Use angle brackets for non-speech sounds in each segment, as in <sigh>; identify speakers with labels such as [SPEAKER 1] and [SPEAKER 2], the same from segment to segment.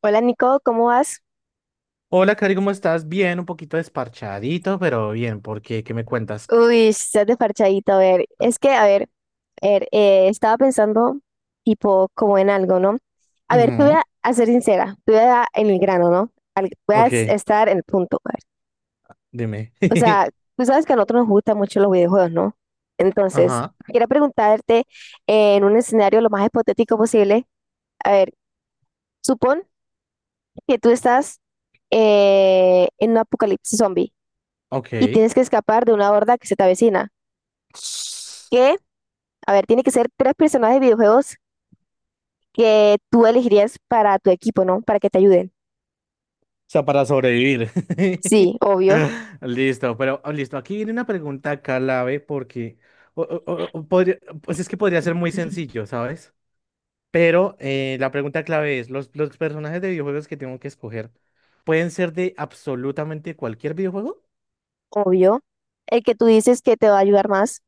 [SPEAKER 1] Hola, Nico, ¿cómo vas?
[SPEAKER 2] Hola, Cari, ¿cómo estás? Bien, un poquito desparchadito, pero bien, ¿por qué? ¿Qué me cuentas?
[SPEAKER 1] Uy, estás de parchadito, a ver,
[SPEAKER 2] Ah,
[SPEAKER 1] es que, estaba pensando tipo como en algo, ¿no? A ver, te voy
[SPEAKER 2] ujú,
[SPEAKER 1] a ser sincera, te voy a dar en el grano, ¿no? Al- voy a es-
[SPEAKER 2] ok,
[SPEAKER 1] estar en el punto, a ver.
[SPEAKER 2] dime.
[SPEAKER 1] O sea,
[SPEAKER 2] <laughs>
[SPEAKER 1] tú sabes que a nosotros nos gustan mucho los videojuegos, ¿no? Entonces,
[SPEAKER 2] Ajá,
[SPEAKER 1] quería preguntarte en un escenario lo más hipotético posible, a ver, supón que tú estás en un apocalipsis zombie y
[SPEAKER 2] ok.
[SPEAKER 1] tienes que escapar de una horda que se te avecina.
[SPEAKER 2] O
[SPEAKER 1] ¿Qué? A ver, tiene que ser tres personajes de videojuegos que tú elegirías para tu equipo, ¿no? Para que te ayuden.
[SPEAKER 2] sea, para sobrevivir.
[SPEAKER 1] Sí,
[SPEAKER 2] <laughs>
[SPEAKER 1] obvio,
[SPEAKER 2] Listo, pero listo, aquí viene una pregunta clave porque pues es que podría ser muy sencillo, ¿sabes? Pero la pregunta clave es, los personajes de videojuegos que tengo que escoger pueden ser de absolutamente cualquier videojuego?
[SPEAKER 1] obvio. El que tú dices que te va a ayudar más.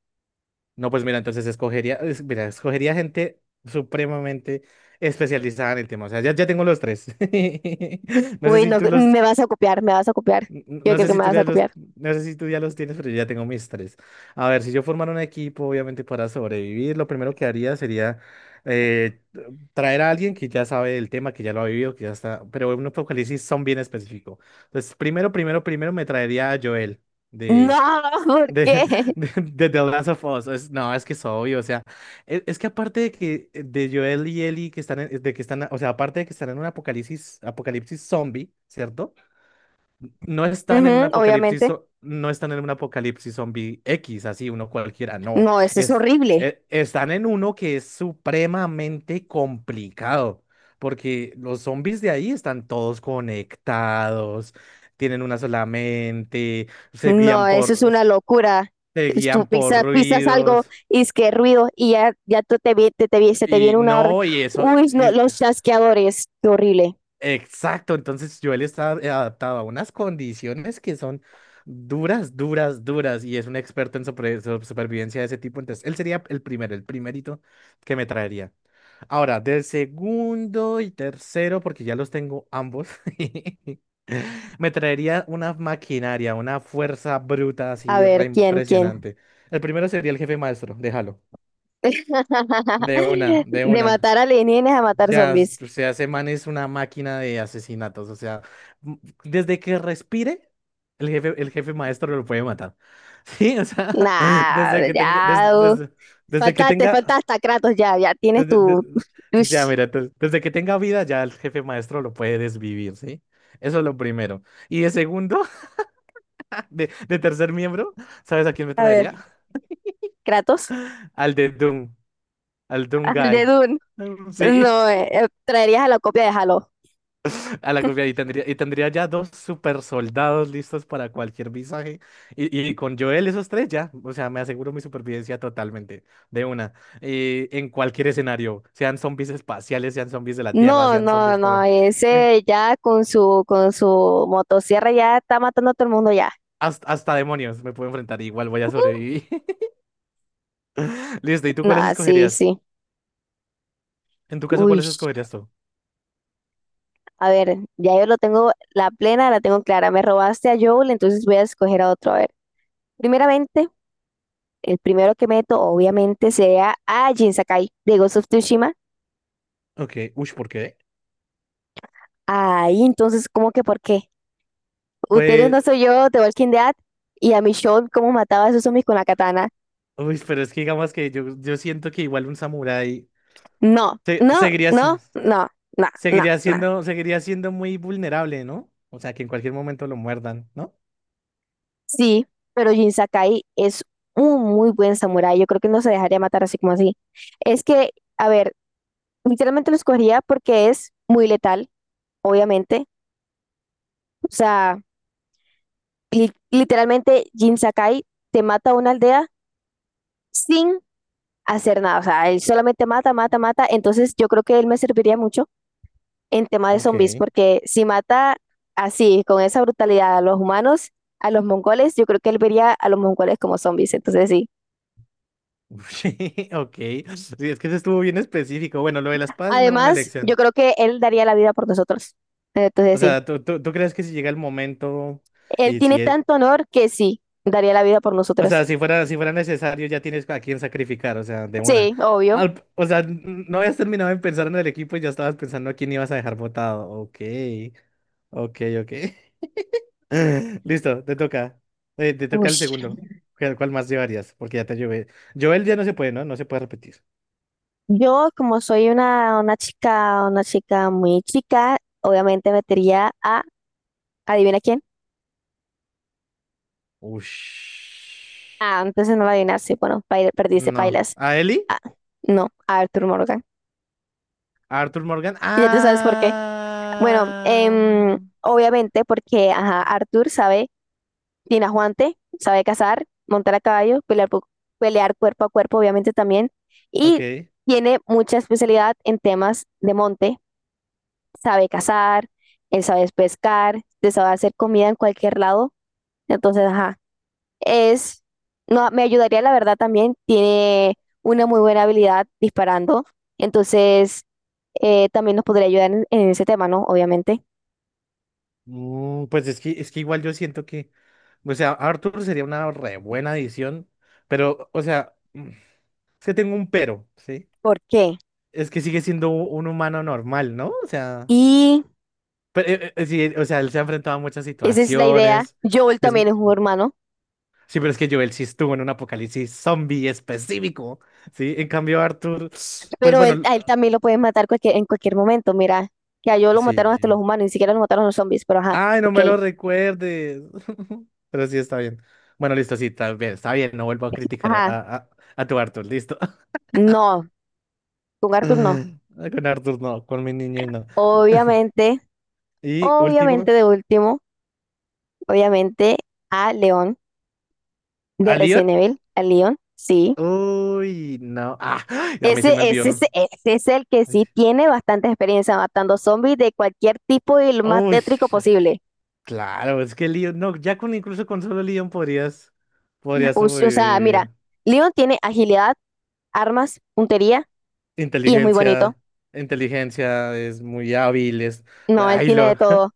[SPEAKER 2] No, pues mira, entonces escogería, mira, escogería gente supremamente especializada en el tema. O sea, ya tengo los tres. <laughs> No sé
[SPEAKER 1] Uy,
[SPEAKER 2] si
[SPEAKER 1] no,
[SPEAKER 2] tú los,
[SPEAKER 1] me vas a copiar, me vas a copiar. Yo
[SPEAKER 2] no
[SPEAKER 1] creo
[SPEAKER 2] sé
[SPEAKER 1] que
[SPEAKER 2] si
[SPEAKER 1] me
[SPEAKER 2] tú
[SPEAKER 1] vas a
[SPEAKER 2] ya los
[SPEAKER 1] copiar.
[SPEAKER 2] no sé si tú ya los tienes, pero yo ya tengo mis tres. A ver, si yo formara un equipo, obviamente para sobrevivir, lo primero que haría sería eh, traer a alguien que ya sabe el tema, que ya lo ha vivido, que ya está, pero en un apocalipsis son bien específico. Entonces, primero, primero, primero me traería a Joel
[SPEAKER 1] No, <laughs> ¿por
[SPEAKER 2] de,
[SPEAKER 1] qué?
[SPEAKER 2] <laughs> de The Last of Us. No, es que es obvio. O sea, es, que aparte de que de Joel y Ellie que de que están, o sea, aparte de que están en un apocalipsis, apocalipsis zombie, ¿cierto? No están en un
[SPEAKER 1] Ujú,
[SPEAKER 2] apocalipsis,
[SPEAKER 1] obviamente.
[SPEAKER 2] no están en un apocalipsis zombie X, así uno cualquiera. No.
[SPEAKER 1] No, eso es
[SPEAKER 2] Es,
[SPEAKER 1] horrible.
[SPEAKER 2] Están en uno que es supremamente complicado. Porque los zombies de ahí están todos conectados, tienen una sola mente, se
[SPEAKER 1] No,
[SPEAKER 2] guían
[SPEAKER 1] eso es
[SPEAKER 2] por.
[SPEAKER 1] una locura.
[SPEAKER 2] Se
[SPEAKER 1] Es tú
[SPEAKER 2] guían por
[SPEAKER 1] pisas, pisas algo
[SPEAKER 2] ruidos
[SPEAKER 1] y es que ruido y ya, ya tú te, vi- te, vi- se te
[SPEAKER 2] y
[SPEAKER 1] viene una orden.
[SPEAKER 2] no, y eso,
[SPEAKER 1] Uy, no,
[SPEAKER 2] y-
[SPEAKER 1] los chasqueadores. Qué horrible.
[SPEAKER 2] exacto, entonces Joel está adaptado a unas condiciones que son duras, duras, duras, y es un experto en supervivencia de ese tipo, entonces él sería el primero, el primerito que me traería. Ahora, del segundo y tercero, porque ya los tengo ambos, <laughs> me traería una maquinaria, una fuerza bruta
[SPEAKER 1] A
[SPEAKER 2] así re
[SPEAKER 1] ver, ¿quién?
[SPEAKER 2] impresionante. El primero sería el jefe maestro, déjalo,
[SPEAKER 1] <laughs>
[SPEAKER 2] de una, de
[SPEAKER 1] De
[SPEAKER 2] una.
[SPEAKER 1] matar alienígenas a matar
[SPEAKER 2] Ya,
[SPEAKER 1] zombies.
[SPEAKER 2] o sea, ese man es una máquina de asesinatos. O sea, m- desde que respire, el jefe maestro lo puede matar. <laughs> Sí, o sea, <laughs>
[SPEAKER 1] Nah,
[SPEAKER 2] desde que
[SPEAKER 1] ya.
[SPEAKER 2] tenga, desde que
[SPEAKER 1] Falta, te falta
[SPEAKER 2] tenga,
[SPEAKER 1] hasta Kratos, ya, ya tienes
[SPEAKER 2] desde, de-
[SPEAKER 1] tu.
[SPEAKER 2] ya,
[SPEAKER 1] Ush.
[SPEAKER 2] mira, entonces, desde que tenga vida, ya el jefe maestro lo puede desvivir, ¿sí? Eso es lo primero. Y de segundo, <laughs> de tercer miembro, ¿sabes a quién me
[SPEAKER 1] A ver,
[SPEAKER 2] traería?
[SPEAKER 1] Kratos,
[SPEAKER 2] <laughs> Al de Doom, al Doom
[SPEAKER 1] <laughs> el de
[SPEAKER 2] Guy.
[SPEAKER 1] Dune.
[SPEAKER 2] <laughs> Sí.
[SPEAKER 1] No, traerías a la copia de Halo.
[SPEAKER 2] A la copia y tendría ya dos super soldados listos para cualquier visaje. Y con Joel esos tres ya, o sea, me aseguro mi supervivencia totalmente, de una. Y en cualquier escenario, sean zombies espaciales, sean zombies de la Tierra,
[SPEAKER 1] No,
[SPEAKER 2] sean
[SPEAKER 1] no,
[SPEAKER 2] zombies
[SPEAKER 1] no,
[SPEAKER 2] por... en-
[SPEAKER 1] ese ya con su motosierra ya está matando a todo el mundo ya.
[SPEAKER 2] hasta, hasta demonios me puedo enfrentar, igual voy a sobrevivir. <laughs> Listo, ¿y tú cuáles
[SPEAKER 1] Nah, sí,
[SPEAKER 2] escogerías?
[SPEAKER 1] sí.
[SPEAKER 2] En tu caso,
[SPEAKER 1] Uy,
[SPEAKER 2] ¿cuáles escogerías tú?
[SPEAKER 1] a ver, ya yo lo tengo, la plena la tengo clara. Me robaste a Joel, entonces voy a escoger a otro. A ver, primeramente. El primero que meto, obviamente, sería a Jin Sakai de Ghost of Tsushima.
[SPEAKER 2] Ok, uy, ¿por qué?
[SPEAKER 1] Ahí, entonces, ¿cómo que por qué? Ustedes
[SPEAKER 2] Pues,
[SPEAKER 1] no soy yo de Walking Dead y a Michonne, ¿cómo mataba a esos zombies con la katana?
[SPEAKER 2] uy, pero es que digamos que yo siento que igual un samurái
[SPEAKER 1] No, no,
[SPEAKER 2] seguiría,
[SPEAKER 1] no, no, no, no,
[SPEAKER 2] seguiría
[SPEAKER 1] no.
[SPEAKER 2] siendo, seguiría siendo muy vulnerable, ¿no? O sea, que en cualquier momento lo muerdan, ¿no?
[SPEAKER 1] Sí, pero Jin Sakai es un muy buen samurái. Yo creo que no se dejaría matar así como así. Es que, a ver, literalmente lo escogería porque es muy letal, obviamente. O sea, li- literalmente Jin Sakai te mata a una aldea sin hacer nada. O sea, él solamente mata, mata, mata. Entonces yo creo que él me serviría mucho en tema de zombies,
[SPEAKER 2] Ok.
[SPEAKER 1] porque si mata así, con esa brutalidad a los humanos, a los mongoles, yo creo que él vería a los mongoles como zombies. Entonces sí.
[SPEAKER 2] <laughs> Sí, ok. Sí, es que eso estuvo bien específico. Bueno, lo de la espada es una buena
[SPEAKER 1] Además, yo
[SPEAKER 2] lección.
[SPEAKER 1] creo que él daría la vida por nosotros.
[SPEAKER 2] O
[SPEAKER 1] Entonces sí.
[SPEAKER 2] sea, tú crees que si llega el momento
[SPEAKER 1] Él
[SPEAKER 2] y
[SPEAKER 1] tiene
[SPEAKER 2] si es-
[SPEAKER 1] tanto honor que sí, daría la vida por
[SPEAKER 2] o
[SPEAKER 1] nosotros.
[SPEAKER 2] sea, si fuera, si fuera necesario, ya tienes a quién sacrificar, o sea, de una.
[SPEAKER 1] Sí, obvio.
[SPEAKER 2] O sea, no habías terminado de pensar en el equipo y ya estabas pensando a quién ibas a dejar votado. Ok, ok, ok. <laughs> Listo, te toca. Te toca
[SPEAKER 1] Uy.
[SPEAKER 2] el segundo. Cuál más llevarías? Porque ya te llevé. Joel ya no se puede, ¿no? No se puede repetir.
[SPEAKER 1] Yo, como soy una chica, una chica muy chica, obviamente metería a, adivina quién.
[SPEAKER 2] Ush.
[SPEAKER 1] Ah, entonces no va a adivinar. Sí, bueno, paila- perdiste,
[SPEAKER 2] No.
[SPEAKER 1] pailas.
[SPEAKER 2] ¿A Ellie?
[SPEAKER 1] Ah, no, Arthur Morgan.
[SPEAKER 2] ¿A Arthur Morgan?
[SPEAKER 1] Y ya tú sabes por qué. Bueno,
[SPEAKER 2] Ah.
[SPEAKER 1] obviamente porque, ajá, Arthur sabe, tiene aguante, sabe cazar, montar a caballo, pelear, pu- pelear cuerpo a cuerpo, obviamente también. Y
[SPEAKER 2] Ok.
[SPEAKER 1] tiene mucha especialidad en temas de monte. Sabe cazar, él sabe pescar, te sabe hacer comida en cualquier lado. Entonces, ajá. Es, no, me ayudaría la verdad también. Tiene una muy buena habilidad disparando. Entonces, también nos podría ayudar en ese tema, ¿no? Obviamente.
[SPEAKER 2] Mm, pues es que igual yo siento que. O sea, Arthur sería una re buena edición. Pero, o sea, mm, es que tengo un pero, ¿sí?
[SPEAKER 1] ¿Por qué?
[SPEAKER 2] Es que sigue siendo un humano normal, ¿no? O sea.
[SPEAKER 1] Y
[SPEAKER 2] Pero, sí, o sea, él se ha enfrentado a muchas
[SPEAKER 1] esa es la idea.
[SPEAKER 2] situaciones.
[SPEAKER 1] Joel
[SPEAKER 2] Es,
[SPEAKER 1] también es un hermano,
[SPEAKER 2] sí, pero es que Joel sí estuvo en un apocalipsis zombie específico, ¿sí? En cambio, Arthur, pues
[SPEAKER 1] pero
[SPEAKER 2] bueno,
[SPEAKER 1] él, a él también lo pueden matar cualquier- en cualquier momento. Mira, que a Joel lo mataron hasta los
[SPEAKER 2] sí.
[SPEAKER 1] humanos, ni siquiera lo mataron los zombies, pero ajá,
[SPEAKER 2] Ay, no
[SPEAKER 1] ok.
[SPEAKER 2] me lo recuerdes. <laughs> Pero sí, está bien. Bueno, listo, sí, está bien, está bien. No vuelvo a criticar
[SPEAKER 1] Ajá,
[SPEAKER 2] a tu Arthur, listo. <laughs>
[SPEAKER 1] no, con Arthur no.
[SPEAKER 2] Con Arthur no, con mi niño no. <laughs>
[SPEAKER 1] Obviamente,
[SPEAKER 2] Y
[SPEAKER 1] obviamente
[SPEAKER 2] último,
[SPEAKER 1] de último, obviamente a León. De
[SPEAKER 2] ¿a Leon?
[SPEAKER 1] Resident Evil, a Leon, sí.
[SPEAKER 2] Uy, no. Ah, <gasps> a mí se
[SPEAKER 1] Ese,
[SPEAKER 2] me
[SPEAKER 1] ese, ese,
[SPEAKER 2] olvidó.
[SPEAKER 1] ese es el que
[SPEAKER 2] Uy.
[SPEAKER 1] sí tiene bastante experiencia matando zombies de cualquier tipo y el más
[SPEAKER 2] Uy.
[SPEAKER 1] tétrico posible.
[SPEAKER 2] Claro, es que el Leon, no, ya con incluso con solo Leon podrías
[SPEAKER 1] O sea, mira,
[SPEAKER 2] sobrevivir.
[SPEAKER 1] Leon tiene agilidad, armas, puntería y es muy bonito.
[SPEAKER 2] Inteligencia, inteligencia es muy hábil, es,
[SPEAKER 1] No, él
[SPEAKER 2] ay,
[SPEAKER 1] tiene de
[SPEAKER 2] lo,
[SPEAKER 1] todo.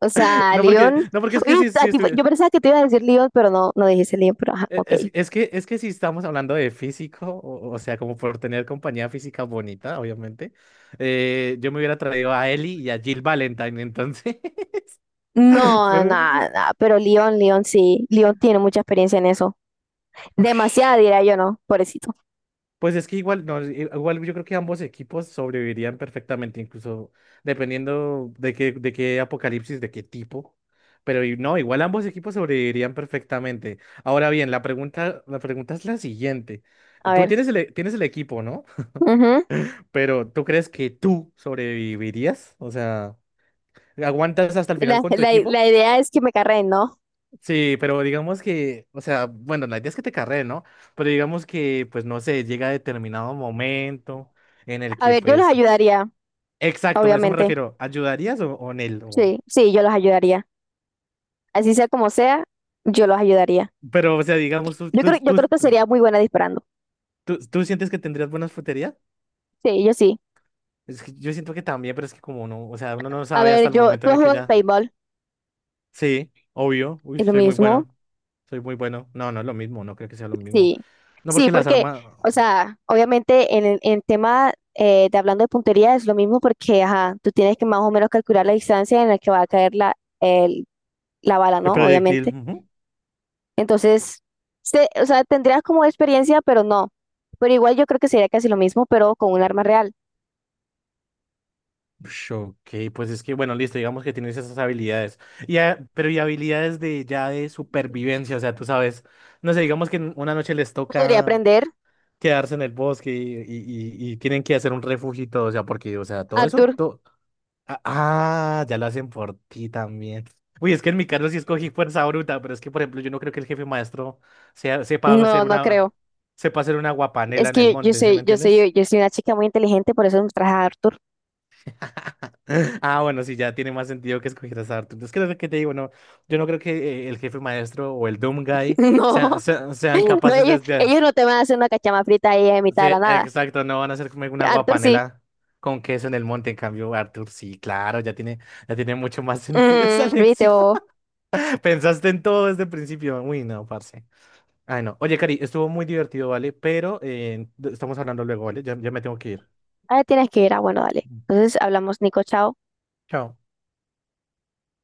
[SPEAKER 1] O
[SPEAKER 2] <laughs>
[SPEAKER 1] sea,
[SPEAKER 2] no porque,
[SPEAKER 1] Leon.
[SPEAKER 2] no porque es
[SPEAKER 1] Oye,
[SPEAKER 2] que si,
[SPEAKER 1] a ti- yo pensaba que te iba a decir Leon, pero no, no dijiste Leon, pero ajá, ok.
[SPEAKER 2] es que si estamos hablando de físico, o sea, como por tener compañía física bonita, obviamente, yo me hubiera traído a Ellie y a Jill Valentine, entonces, <laughs>
[SPEAKER 1] No,
[SPEAKER 2] pues,
[SPEAKER 1] nada, nada, pero Leon, Leon sí. Leon tiene mucha experiencia en eso.
[SPEAKER 2] uy.
[SPEAKER 1] Demasiada, diría yo, no, pobrecito.
[SPEAKER 2] Pues es que igual, no, igual yo creo que ambos equipos sobrevivirían perfectamente, incluso dependiendo de de qué apocalipsis, de qué tipo. Pero no, igual ambos equipos sobrevivirían perfectamente. Ahora bien, la pregunta es la siguiente.
[SPEAKER 1] A
[SPEAKER 2] Tú
[SPEAKER 1] ver.
[SPEAKER 2] tienes tienes el equipo, ¿no?
[SPEAKER 1] Ujú.
[SPEAKER 2] Pero ¿tú crees que tú sobrevivirías? O sea, ¿aguantas hasta el final
[SPEAKER 1] La,
[SPEAKER 2] con tu
[SPEAKER 1] la,
[SPEAKER 2] equipo?
[SPEAKER 1] la idea es que me carreen, ¿no?
[SPEAKER 2] Sí, pero digamos que, o sea, bueno, la idea es que te carreen, ¿no? Pero digamos que, pues no sé, llega determinado momento en el
[SPEAKER 1] A
[SPEAKER 2] que
[SPEAKER 1] ver, yo los
[SPEAKER 2] pues
[SPEAKER 1] ayudaría,
[SPEAKER 2] exacto, a eso me
[SPEAKER 1] obviamente.
[SPEAKER 2] refiero. ¿Ayudarías o en él?
[SPEAKER 1] Sí, sí, yo los ayudaría. Así sea como sea, yo los ayudaría.
[SPEAKER 2] Pero, o sea, digamos,
[SPEAKER 1] Yo creo, yo creo que sería muy buena disparando.
[SPEAKER 2] tú, tú sientes que tendrías buena fruterías?
[SPEAKER 1] Sí, yo sí.
[SPEAKER 2] Es que yo siento que también, pero es que como no, o sea, uno no
[SPEAKER 1] A
[SPEAKER 2] sabe hasta
[SPEAKER 1] ver,
[SPEAKER 2] el
[SPEAKER 1] yo,
[SPEAKER 2] momento
[SPEAKER 1] tú has
[SPEAKER 2] en el que
[SPEAKER 1] jugado en
[SPEAKER 2] ya.
[SPEAKER 1] paintball,
[SPEAKER 2] Sí, obvio. Uy,
[SPEAKER 1] es lo
[SPEAKER 2] soy muy
[SPEAKER 1] mismo.
[SPEAKER 2] bueno. Soy muy bueno. No, no es lo mismo, no creo que sea lo mismo.
[SPEAKER 1] Sí,
[SPEAKER 2] No,
[SPEAKER 1] sí,
[SPEAKER 2] porque las
[SPEAKER 1] porque,
[SPEAKER 2] armas.
[SPEAKER 1] o sea, obviamente en el en tema de hablando de puntería es lo mismo porque, ajá, tú tienes que más o menos calcular la distancia en la que va a caer la, el- la bala,
[SPEAKER 2] El
[SPEAKER 1] ¿no?
[SPEAKER 2] proyectil.
[SPEAKER 1] Obviamente.
[SPEAKER 2] Ujú.
[SPEAKER 1] Entonces, se- o sea, tendrías como experiencia, pero no. Pero igual yo creo que sería casi lo mismo, pero con un arma real.
[SPEAKER 2] Ush, ok, pues es que, bueno, listo, digamos que tienes esas habilidades. Ah, pero y habilidades de ya de supervivencia, o sea, tú sabes. No sé, digamos que en una noche les
[SPEAKER 1] ¿Podría
[SPEAKER 2] toca.
[SPEAKER 1] aprender,
[SPEAKER 2] Quedarse en el bosque y tienen que hacer un refugio y todo, o sea, porque, o sea, todo eso,
[SPEAKER 1] Arthur?
[SPEAKER 2] todo... Ah, ah, ya lo hacen por ti también. Uy, es que en mi caso sí escogí fuerza bruta, pero es que, por ejemplo, yo no creo que el jefe maestro sepa hacer
[SPEAKER 1] No, no creo.
[SPEAKER 2] sepa hacer una
[SPEAKER 1] Es
[SPEAKER 2] guapanela en el
[SPEAKER 1] que yo, yo
[SPEAKER 2] monte, ¿sí me
[SPEAKER 1] soy, yo
[SPEAKER 2] entiendes?
[SPEAKER 1] soy, yo soy una chica muy inteligente, por eso me traje a Arthur.
[SPEAKER 2] <laughs> Ah, bueno, sí, ya tiene más sentido que escoger esa arte. Es que es lo que te digo. No, yo no creo que el jefe maestro o el Doom Guy
[SPEAKER 1] <laughs>
[SPEAKER 2] sean
[SPEAKER 1] No, no,
[SPEAKER 2] capaces de
[SPEAKER 1] ellos,
[SPEAKER 2] hacer.
[SPEAKER 1] ellos no te van a hacer una cachama frita ahí en mitad
[SPEAKER 2] Sí,
[SPEAKER 1] de la nada.
[SPEAKER 2] exacto, no van a hacer como una
[SPEAKER 1] Arthur sí.
[SPEAKER 2] guapanela con queso en el monte. En cambio, Arthur, sí, claro, ya tiene mucho más <laughs> sentido esa
[SPEAKER 1] Mm, viste,
[SPEAKER 2] lección.
[SPEAKER 1] o,
[SPEAKER 2] <laughs> Pensaste en todo desde el principio. Uy, no, parce. Ay, no. Oye, Cari, estuvo muy divertido, ¿vale? Pero estamos hablando luego, ¿vale? Ya, ya me tengo que ir.
[SPEAKER 1] ah, tienes que ir, ah, bueno, dale. Entonces hablamos, Nico, chao.
[SPEAKER 2] Chao.